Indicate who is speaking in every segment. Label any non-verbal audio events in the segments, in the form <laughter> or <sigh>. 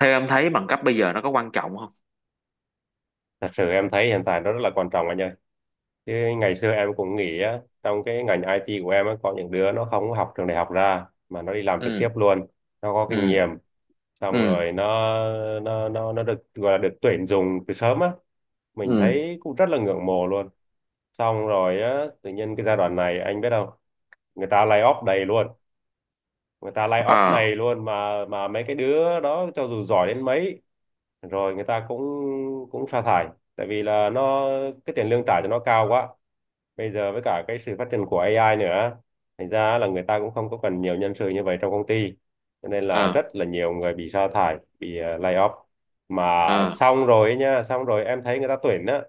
Speaker 1: Theo em thấy bằng cấp bây giờ nó có quan trọng không?
Speaker 2: Thật sự em thấy hiện tại nó rất là quan trọng anh ơi. Chứ ngày xưa em cũng nghĩ á, trong cái ngành IT của em á, có những đứa nó không học trường đại học ra mà nó đi làm trực tiếp
Speaker 1: Ừ.
Speaker 2: luôn. Nó có kinh
Speaker 1: Ừ.
Speaker 2: nghiệm, xong
Speaker 1: Ừ.
Speaker 2: rồi nó được gọi là được tuyển dụng từ sớm á. Mình
Speaker 1: Ừ.
Speaker 2: thấy cũng rất là ngưỡng mộ luôn. Xong rồi á, tự nhiên cái giai đoạn này anh biết không? Người ta lay off đầy luôn. Người ta lay off
Speaker 1: Ờ.
Speaker 2: đầy luôn mà mấy cái đứa đó cho dù giỏi đến mấy rồi người ta cũng cũng sa thải, tại vì là nó cái tiền lương trả cho nó cao quá, bây giờ với cả cái sự phát triển của AI nữa, thành ra là người ta cũng không có cần nhiều nhân sự như vậy trong công ty, cho nên
Speaker 1: Ờ.
Speaker 2: là rất là nhiều người bị sa thải, bị lay off, mà
Speaker 1: Ờ.
Speaker 2: xong rồi ấy nha, xong rồi em thấy người ta tuyển á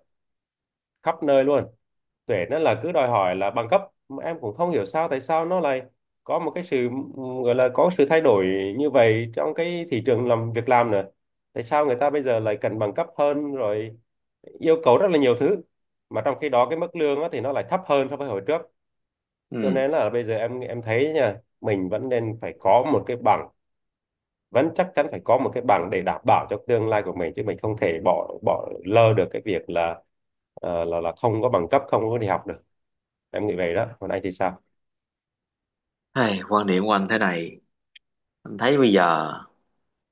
Speaker 2: khắp nơi luôn, tuyển á là cứ đòi hỏi là bằng cấp. Mà em cũng không hiểu sao tại sao nó lại có một cái sự, gọi là có sự thay đổi như vậy trong cái thị trường làm việc làm nữa, tại sao người ta bây giờ lại cần bằng cấp hơn rồi yêu cầu rất là nhiều thứ, mà trong khi đó cái mức lương á, thì nó lại thấp hơn so với hồi trước. Cho
Speaker 1: Ừ.
Speaker 2: nên là bây giờ em thấy nha, mình vẫn nên phải có một cái bằng, vẫn chắc chắn phải có một cái bằng để đảm bảo cho tương lai của mình, chứ mình không thể bỏ bỏ lơ được cái việc là là không có bằng cấp, không có đi học được. Em nghĩ vậy đó, còn anh thì sao?
Speaker 1: Hay quan điểm của anh thế này. Anh thấy bây giờ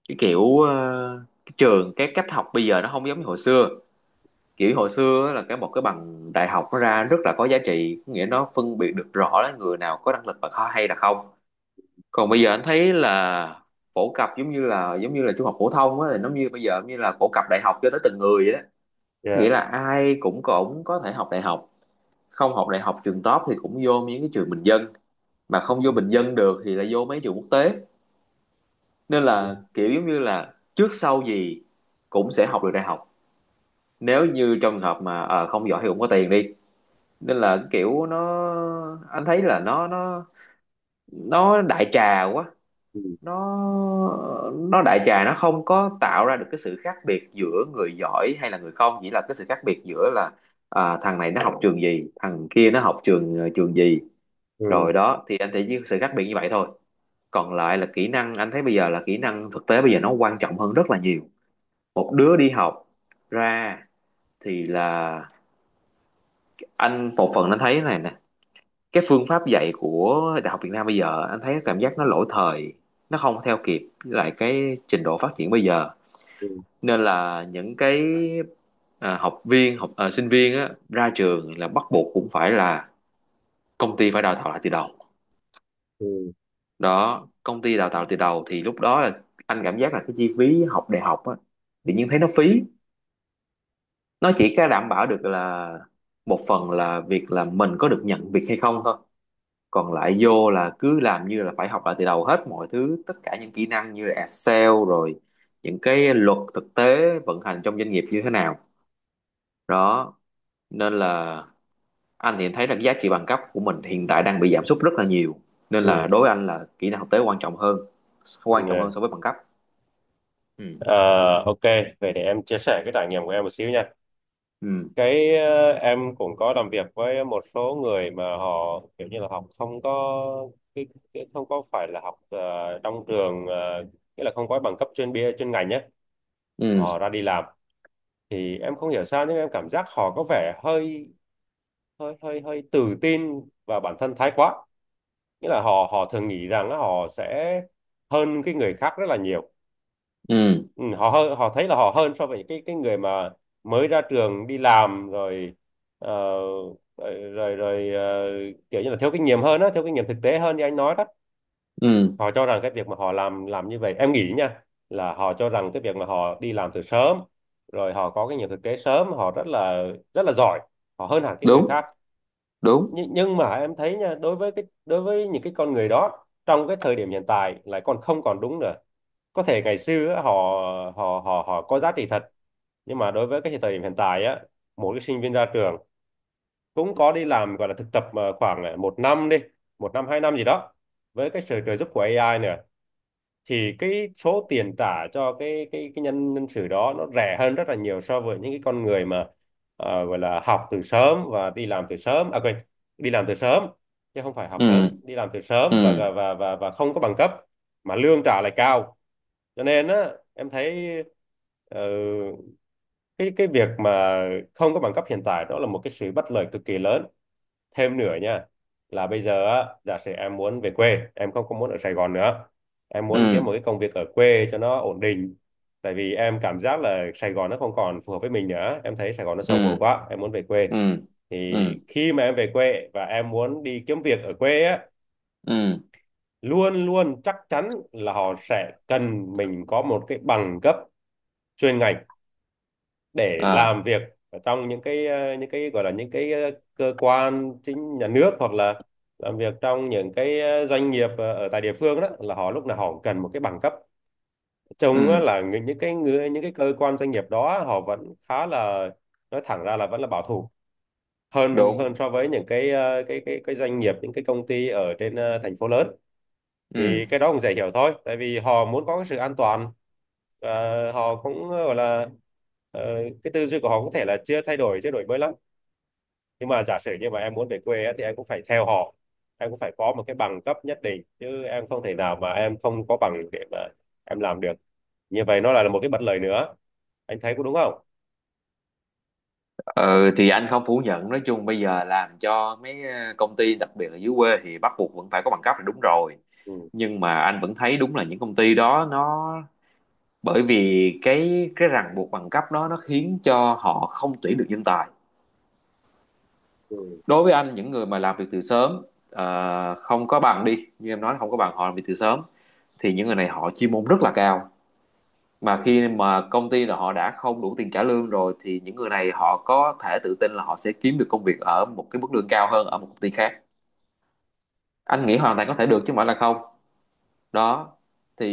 Speaker 1: cái kiểu, cái trường cái cách học bây giờ nó không giống như hồi xưa. Kiểu hồi xưa á là một cái bằng đại học nó ra rất là có giá trị, có nghĩa nó phân biệt được rõ là người nào có năng lực và khó hay là không. Còn bây giờ anh thấy là phổ cập giống như là trung học phổ thông á, là giống như bây giờ như là phổ cập đại học cho tới từng người vậy đó.
Speaker 2: Yeah.
Speaker 1: Nghĩa là ai cũng cũng có thể học đại học. Không học đại học trường top thì cũng vô những cái trường bình dân, mà không vô bình dân được thì lại vô mấy trường quốc tế, nên
Speaker 2: Ừ.
Speaker 1: là kiểu giống như là trước sau gì cũng sẽ học được đại học. Nếu như trong trường hợp mà không giỏi thì cũng có tiền đi. Nên là kiểu nó, anh thấy là nó đại trà quá.
Speaker 2: Ừ.
Speaker 1: Nó nó đại trà, nó không có tạo ra được cái sự khác biệt giữa người giỏi hay là người không, chỉ là cái sự khác biệt giữa là, à, thằng này nó học trường gì, thằng kia nó học trường gì.
Speaker 2: Ừ.
Speaker 1: Rồi đó thì anh thấy sự khác biệt như vậy thôi, còn lại là kỹ năng. Anh thấy bây giờ là kỹ năng thực tế bây giờ nó quan trọng hơn rất là nhiều. Một đứa đi học ra thì là, anh một phần anh thấy thế này nè, cái phương pháp dạy của đại học Việt Nam bây giờ anh thấy cảm giác nó lỗi thời, nó không theo kịp với lại cái trình độ phát triển bây giờ.
Speaker 2: Ừ.
Speaker 1: Nên là những cái, à, học viên học à, sinh viên á, ra trường là bắt buộc cũng phải là công ty phải đào tạo lại từ đầu.
Speaker 2: Ừ.
Speaker 1: Đó, công ty đào tạo từ đầu thì lúc đó là anh cảm giác là cái chi phí học đại học á, tự nhiên thấy nó phí. Nó chỉ có đảm bảo được là một phần, là việc là mình có được nhận việc hay không thôi. Còn lại vô là cứ làm như là phải học lại từ đầu hết mọi thứ, tất cả những kỹ năng như là Excel rồi những cái luật thực tế vận hành trong doanh nghiệp như thế nào. Đó, nên là anh thì thấy là cái giá trị bằng cấp của mình hiện tại đang bị giảm sút rất là nhiều. Nên là
Speaker 2: Ừ.
Speaker 1: đối với anh là kỹ năng thực tế quan trọng hơn, quan trọng hơn
Speaker 2: Ừ.
Speaker 1: so với bằng cấp. Ừ.
Speaker 2: Ờ, ok, vậy để em chia sẻ cái trải nghiệm của em một xíu nha.
Speaker 1: Ừ.
Speaker 2: Cái, em cũng có làm việc với một số người mà họ kiểu như là học không có cái, cái không có phải là học trong trường, nghĩa là không có bằng cấp chuyên ngành nhé, mà
Speaker 1: Ừ.
Speaker 2: họ ra đi làm. Thì em không hiểu sao nhưng em cảm giác họ có vẻ hơi hơi hơi hơi tự tin vào bản thân thái quá, nghĩa là họ họ thường nghĩ rằng là họ sẽ hơn cái người khác rất là nhiều.
Speaker 1: Ừ.
Speaker 2: Ừ, họ hơn, họ thấy là họ hơn so với cái người mà mới ra trường đi làm rồi, ờ, rồi rồi, rồi ờ, kiểu như là thiếu kinh nghiệm hơn á, thiếu kinh nghiệm thực tế hơn như anh nói đó.
Speaker 1: Ừ.
Speaker 2: Họ cho rằng cái việc mà họ làm như vậy, em nghĩ nha, là họ cho rằng cái việc mà họ đi làm từ sớm rồi họ có kinh nghiệm thực tế sớm, họ rất là giỏi, họ hơn hẳn cái người
Speaker 1: Đúng.
Speaker 2: khác.
Speaker 1: Đúng.
Speaker 2: Nhưng mà em thấy nha, đối với cái, đối với những cái con người đó trong cái thời điểm hiện tại lại còn không còn đúng nữa. Có thể ngày xưa á, họ họ họ họ có giá trị thật, nhưng mà đối với cái thời điểm hiện tại á, mỗi cái sinh viên ra trường cũng có đi làm gọi là thực tập mà khoảng một năm đi, một năm hai năm gì đó, với cái sự trợ giúp của AI nữa, thì cái số tiền trả cho cái nhân nhân sự đó nó rẻ hơn rất là nhiều so với những cái con người mà gọi là học từ sớm và đi làm từ sớm, à quên, đi làm từ sớm, chứ không phải học sớm,
Speaker 1: Ừ.
Speaker 2: đi làm từ sớm và
Speaker 1: Ừ.
Speaker 2: và và và, và không có bằng cấp, mà lương trả lại cao. Cho nên á em thấy ờ, cái việc mà không có bằng cấp hiện tại đó là một cái sự bất lợi cực kỳ lớn. Thêm nữa nha, là bây giờ á giả sử em muốn về quê, em không có muốn ở Sài Gòn nữa, em muốn kiếm
Speaker 1: Ừ.
Speaker 2: một cái công việc ở quê cho nó ổn định, tại vì em cảm giác là Sài Gòn nó không còn phù hợp với mình nữa, em thấy Sài Gòn nó
Speaker 1: Ừ.
Speaker 2: xô bồ quá, em muốn về quê.
Speaker 1: Ừ.
Speaker 2: Thì
Speaker 1: Ừ.
Speaker 2: khi mà em về quê và em muốn đi kiếm việc ở quê á,
Speaker 1: Ừ.
Speaker 2: luôn luôn chắc chắn là họ sẽ cần mình có một cái bằng cấp chuyên ngành để
Speaker 1: À.
Speaker 2: làm việc ở trong những cái, những cái gọi là những cái, cơ quan chính nhà nước, hoặc là làm việc trong những cái, doanh nghiệp ở tại địa phương đó, là họ lúc nào họ cũng cần một cái bằng cấp, trông á
Speaker 1: Ừ.
Speaker 2: là những cái người, những cái cơ quan doanh nghiệp đó họ vẫn khá là, nói thẳng ra là vẫn là bảo thủ hơn
Speaker 1: Đúng.
Speaker 2: hơn so với những cái cái doanh nghiệp, những cái công ty ở trên thành phố lớn. Thì
Speaker 1: Ừ.
Speaker 2: cái đó cũng dễ hiểu thôi, tại vì họ muốn có cái sự an toàn, và họ cũng gọi là ờ, cái tư duy của họ có thể là chưa thay đổi, chưa đổi mới lắm. Nhưng mà giả sử như mà em muốn về quê á, thì em cũng phải theo họ, em cũng phải có một cái bằng cấp nhất định, chứ em không thể nào mà em không có bằng để mà em làm được, như vậy nó lại là một cái bất lợi nữa. Anh thấy có đúng không?
Speaker 1: Ờ, thì anh không phủ nhận, nói chung bây giờ làm cho mấy công ty đặc biệt là dưới quê thì bắt buộc vẫn phải có bằng cấp là đúng rồi.
Speaker 2: Ừ.
Speaker 1: Nhưng mà anh vẫn thấy đúng là những công ty đó nó, bởi vì cái ràng buộc bằng cấp đó nó khiến cho họ không tuyển được nhân tài.
Speaker 2: Ừ.
Speaker 1: Đối với anh những người mà làm việc từ sớm, không có bằng đi như em nói, không có bằng họ làm việc từ sớm, thì những người này họ chuyên môn rất là cao. Mà khi mà công ty là họ đã không đủ tiền trả lương rồi thì những người này họ có thể tự tin là họ sẽ kiếm được công việc ở một cái mức lương cao hơn ở một công ty khác. Anh nghĩ hoàn toàn có thể được chứ không phải là không. Đó thì,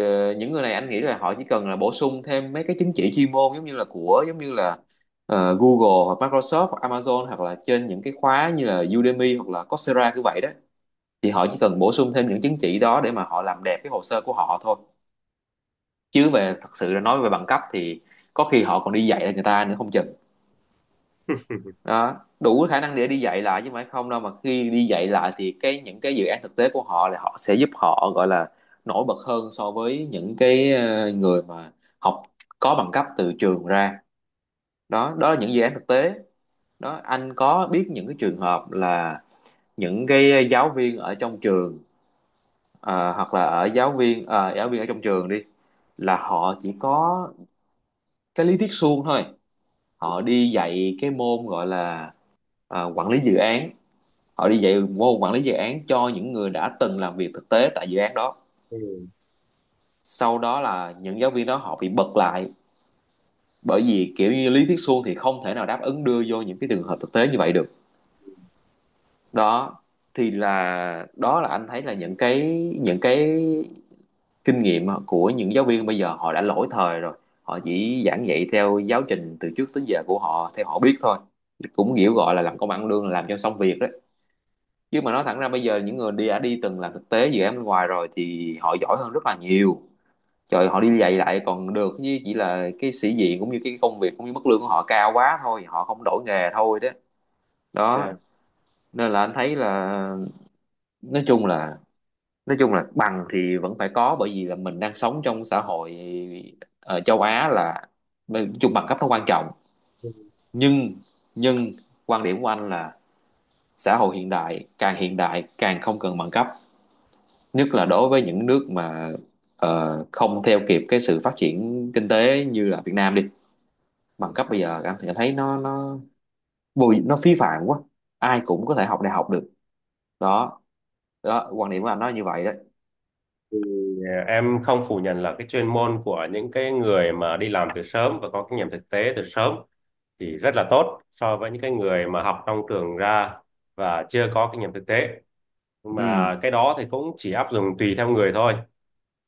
Speaker 1: những người này anh nghĩ là họ chỉ cần là bổ sung thêm mấy cái chứng chỉ chuyên môn giống như là của giống như là Google hoặc Microsoft hoặc Amazon, hoặc là trên những cái khóa như là Udemy hoặc là Coursera như vậy đó. Thì họ chỉ cần bổ sung thêm những chứng chỉ đó để mà họ làm đẹp cái hồ sơ của họ thôi. Chứ về thật sự là nói về bằng cấp thì có khi họ còn đi dạy lại người ta nữa không chừng.
Speaker 2: <laughs>
Speaker 1: Đó, đủ khả năng để đi dạy lại chứ không phải không đâu. Mà khi đi dạy lại thì cái những cái dự án thực tế của họ là họ sẽ giúp họ, gọi là, nổi bật hơn so với những cái người mà học có bằng cấp từ trường ra. Đó, đó là những dự án thực tế. Đó, anh có biết những cái trường hợp là những cái giáo viên ở trong trường, Ờ, hoặc là ở giáo viên ở trong trường đi, là họ chỉ có cái lý thuyết suông thôi. Họ đi dạy cái môn gọi là quản lý dự án. Họ đi dạy môn quản lý dự án cho những người đã từng làm việc thực tế tại dự án đó.
Speaker 2: Ừ.
Speaker 1: Sau đó là những giáo viên đó họ bị bật lại, bởi vì kiểu như lý thuyết suông thì không thể nào đáp ứng đưa vô những cái trường hợp thực tế như vậy được. Đó, thì là đó là anh thấy là những cái kinh nghiệm của những giáo viên bây giờ họ đã lỗi thời rồi. Họ chỉ giảng dạy theo giáo trình từ trước tới giờ của họ theo họ biết thôi, cũng kiểu gọi là làm công ăn lương làm cho xong việc đấy. Chứ mà nói thẳng ra bây giờ những người đi đã đi từng làm thực tế dự án bên ngoài rồi thì họ giỏi hơn rất là nhiều. Trời, họ đi dạy lại còn được chứ, chỉ là cái sĩ diện cũng như cái công việc cũng như mức lương của họ cao quá thôi họ không đổi nghề thôi đó. Đó,
Speaker 2: Dạ.
Speaker 1: nên là anh thấy là, nói chung là, bằng thì vẫn phải có, bởi vì là mình đang sống trong xã hội ở châu Á là nói chung bằng cấp nó quan trọng.
Speaker 2: Ừ.
Speaker 1: Nhưng nhưng quan điểm của anh là xã hội hiện đại, càng hiện đại càng không cần bằng cấp. Nhất là đối với những nước mà không theo kịp cái sự phát triển kinh tế như là Việt Nam đi. Bằng cấp bây giờ anh thì thấy nó bùi nó phí phạm quá. Ai cũng có thể học đại học được. Đó, đó quan điểm của anh nói như vậy đấy.
Speaker 2: Thì à, em không phủ nhận là cái chuyên môn của những cái người mà đi làm từ sớm và có kinh nghiệm thực tế từ sớm thì rất là tốt so với những cái người mà học trong trường ra và chưa có kinh nghiệm thực tế. Nhưng
Speaker 1: Ừ.
Speaker 2: mà cái đó thì cũng chỉ áp dụng tùy theo người thôi.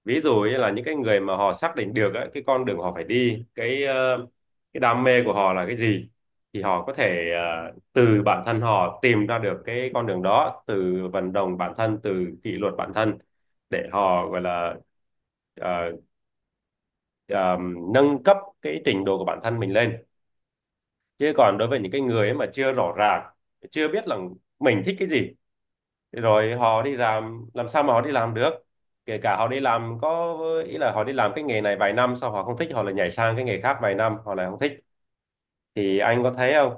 Speaker 2: Ví dụ như là những cái người mà họ xác định được á, cái con đường họ phải đi, cái cái đam mê của họ là cái gì, thì họ có thể từ bản thân họ tìm ra được cái con đường đó, từ vận động bản thân, từ kỷ luật bản thân, để họ gọi là ờ, ờ, nâng cấp cái trình độ của bản thân mình lên. Chứ còn đối với những cái người ấy mà chưa rõ ràng, chưa biết là mình thích cái gì, thế rồi họ đi làm sao mà họ đi làm được? Kể cả họ đi làm có ý là họ đi làm cái nghề này vài năm sau họ không thích, họ lại nhảy sang cái nghề khác vài năm họ lại không thích, thì anh có thấy không,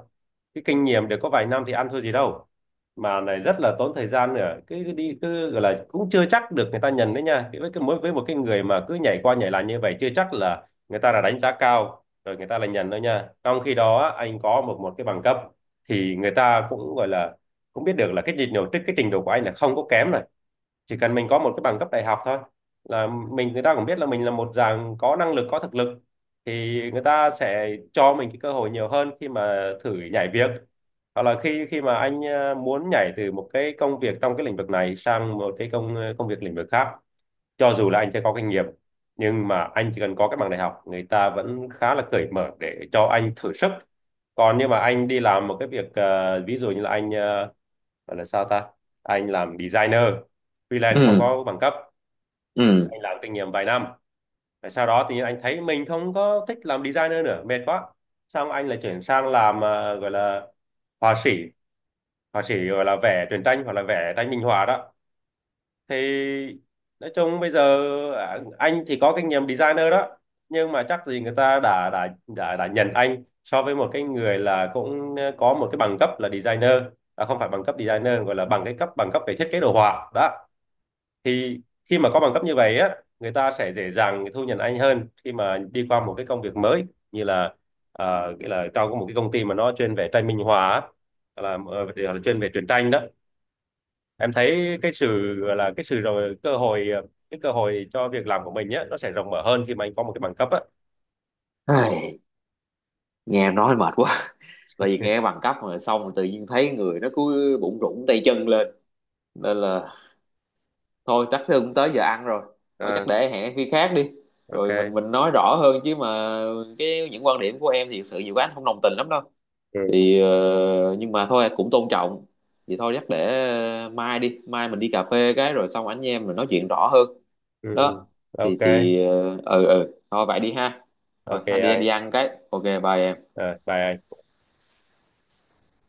Speaker 2: cái kinh nghiệm được có vài năm thì ăn thua gì đâu, mà này rất là tốn thời gian nữa, cứ cứ đi cứ gọi là cũng chưa chắc được người ta nhận đấy nha. Cái với cái mỗi với một cái người mà cứ nhảy qua nhảy lại như vậy chưa chắc là người ta là đánh giá cao rồi người ta là nhận đâu nha. Trong khi đó á, anh có một một cái bằng cấp, thì người ta cũng gọi là cũng biết được là cái trình độ, cái trình độ của anh là không có kém này. Chỉ cần mình có một cái bằng cấp đại học thôi, là mình, người ta cũng biết là mình là một dạng có năng lực, có thực lực, thì người ta sẽ cho mình cái cơ hội nhiều hơn khi mà thử nhảy việc, hoặc là khi khi mà anh muốn nhảy từ một cái công việc trong cái lĩnh vực này sang một cái công việc lĩnh vực khác, cho dù là anh chưa có kinh nghiệm nhưng mà anh chỉ cần có cái bằng đại học người ta vẫn khá là cởi mở để cho anh thử sức. Còn nhưng mà anh đi làm một cái việc, ví dụ như là anh, gọi là sao ta, anh làm designer freelance không
Speaker 1: Ừ.
Speaker 2: có bằng cấp,
Speaker 1: Ừ.
Speaker 2: anh làm kinh nghiệm vài năm, rồi sau đó tự nhiên anh thấy mình không có thích làm designer nữa, mệt quá, xong anh lại chuyển sang làm, à, gọi là họa sĩ, họa sĩ gọi là vẽ truyện tranh hoặc là vẽ tranh minh họa đó. Thì nói chung bây giờ, à, anh thì có kinh nghiệm designer đó, nhưng mà chắc gì người ta đã nhận anh so với một cái người là cũng có một cái bằng cấp là designer. À, không phải bằng cấp designer, gọi là bằng cấp về thiết kế đồ họa đó. Thì khi mà có bằng cấp như vậy á người ta sẽ dễ dàng thu nhận anh hơn khi mà đi qua một cái công việc mới, như là, à, nghĩa là trong một cái công ty mà nó chuyên về tranh minh họa á, là chuyên về truyện tranh đó. Em thấy cái sự gọi là cái sự rồi cơ hội, cái cơ hội cho việc làm của mình nhé, nó sẽ rộng mở hơn khi mà anh có một cái bằng cấp á.
Speaker 1: Ai, nghe nói mệt quá, tại vì nghe
Speaker 2: <laughs>
Speaker 1: bằng cấp rồi xong rồi tự nhiên thấy người nó cứ bụng rủn tay chân lên. Nên là thôi, chắc cũng tới giờ ăn rồi, thôi
Speaker 2: Ờ,
Speaker 1: chắc để hẹn khi khác đi. Rồi mình
Speaker 2: ok.
Speaker 1: mình nói rõ hơn, chứ mà cái những quan điểm của em thì thực sự nhiều quá anh không đồng tình lắm đâu.
Speaker 2: Ừ.
Speaker 1: Thì nhưng mà thôi cũng tôn trọng. Thì thôi chắc để mai đi, mai mình đi cà phê cái rồi xong anh em mình nói chuyện rõ hơn.
Speaker 2: Ừ. Ừ.
Speaker 1: Đó.
Speaker 2: Ok.
Speaker 1: Thì thôi vậy đi ha. Rồi
Speaker 2: Ok
Speaker 1: anh đi, anh đi
Speaker 2: anh.
Speaker 1: ăn cái, ok bye em.
Speaker 2: Ờ, bye anh.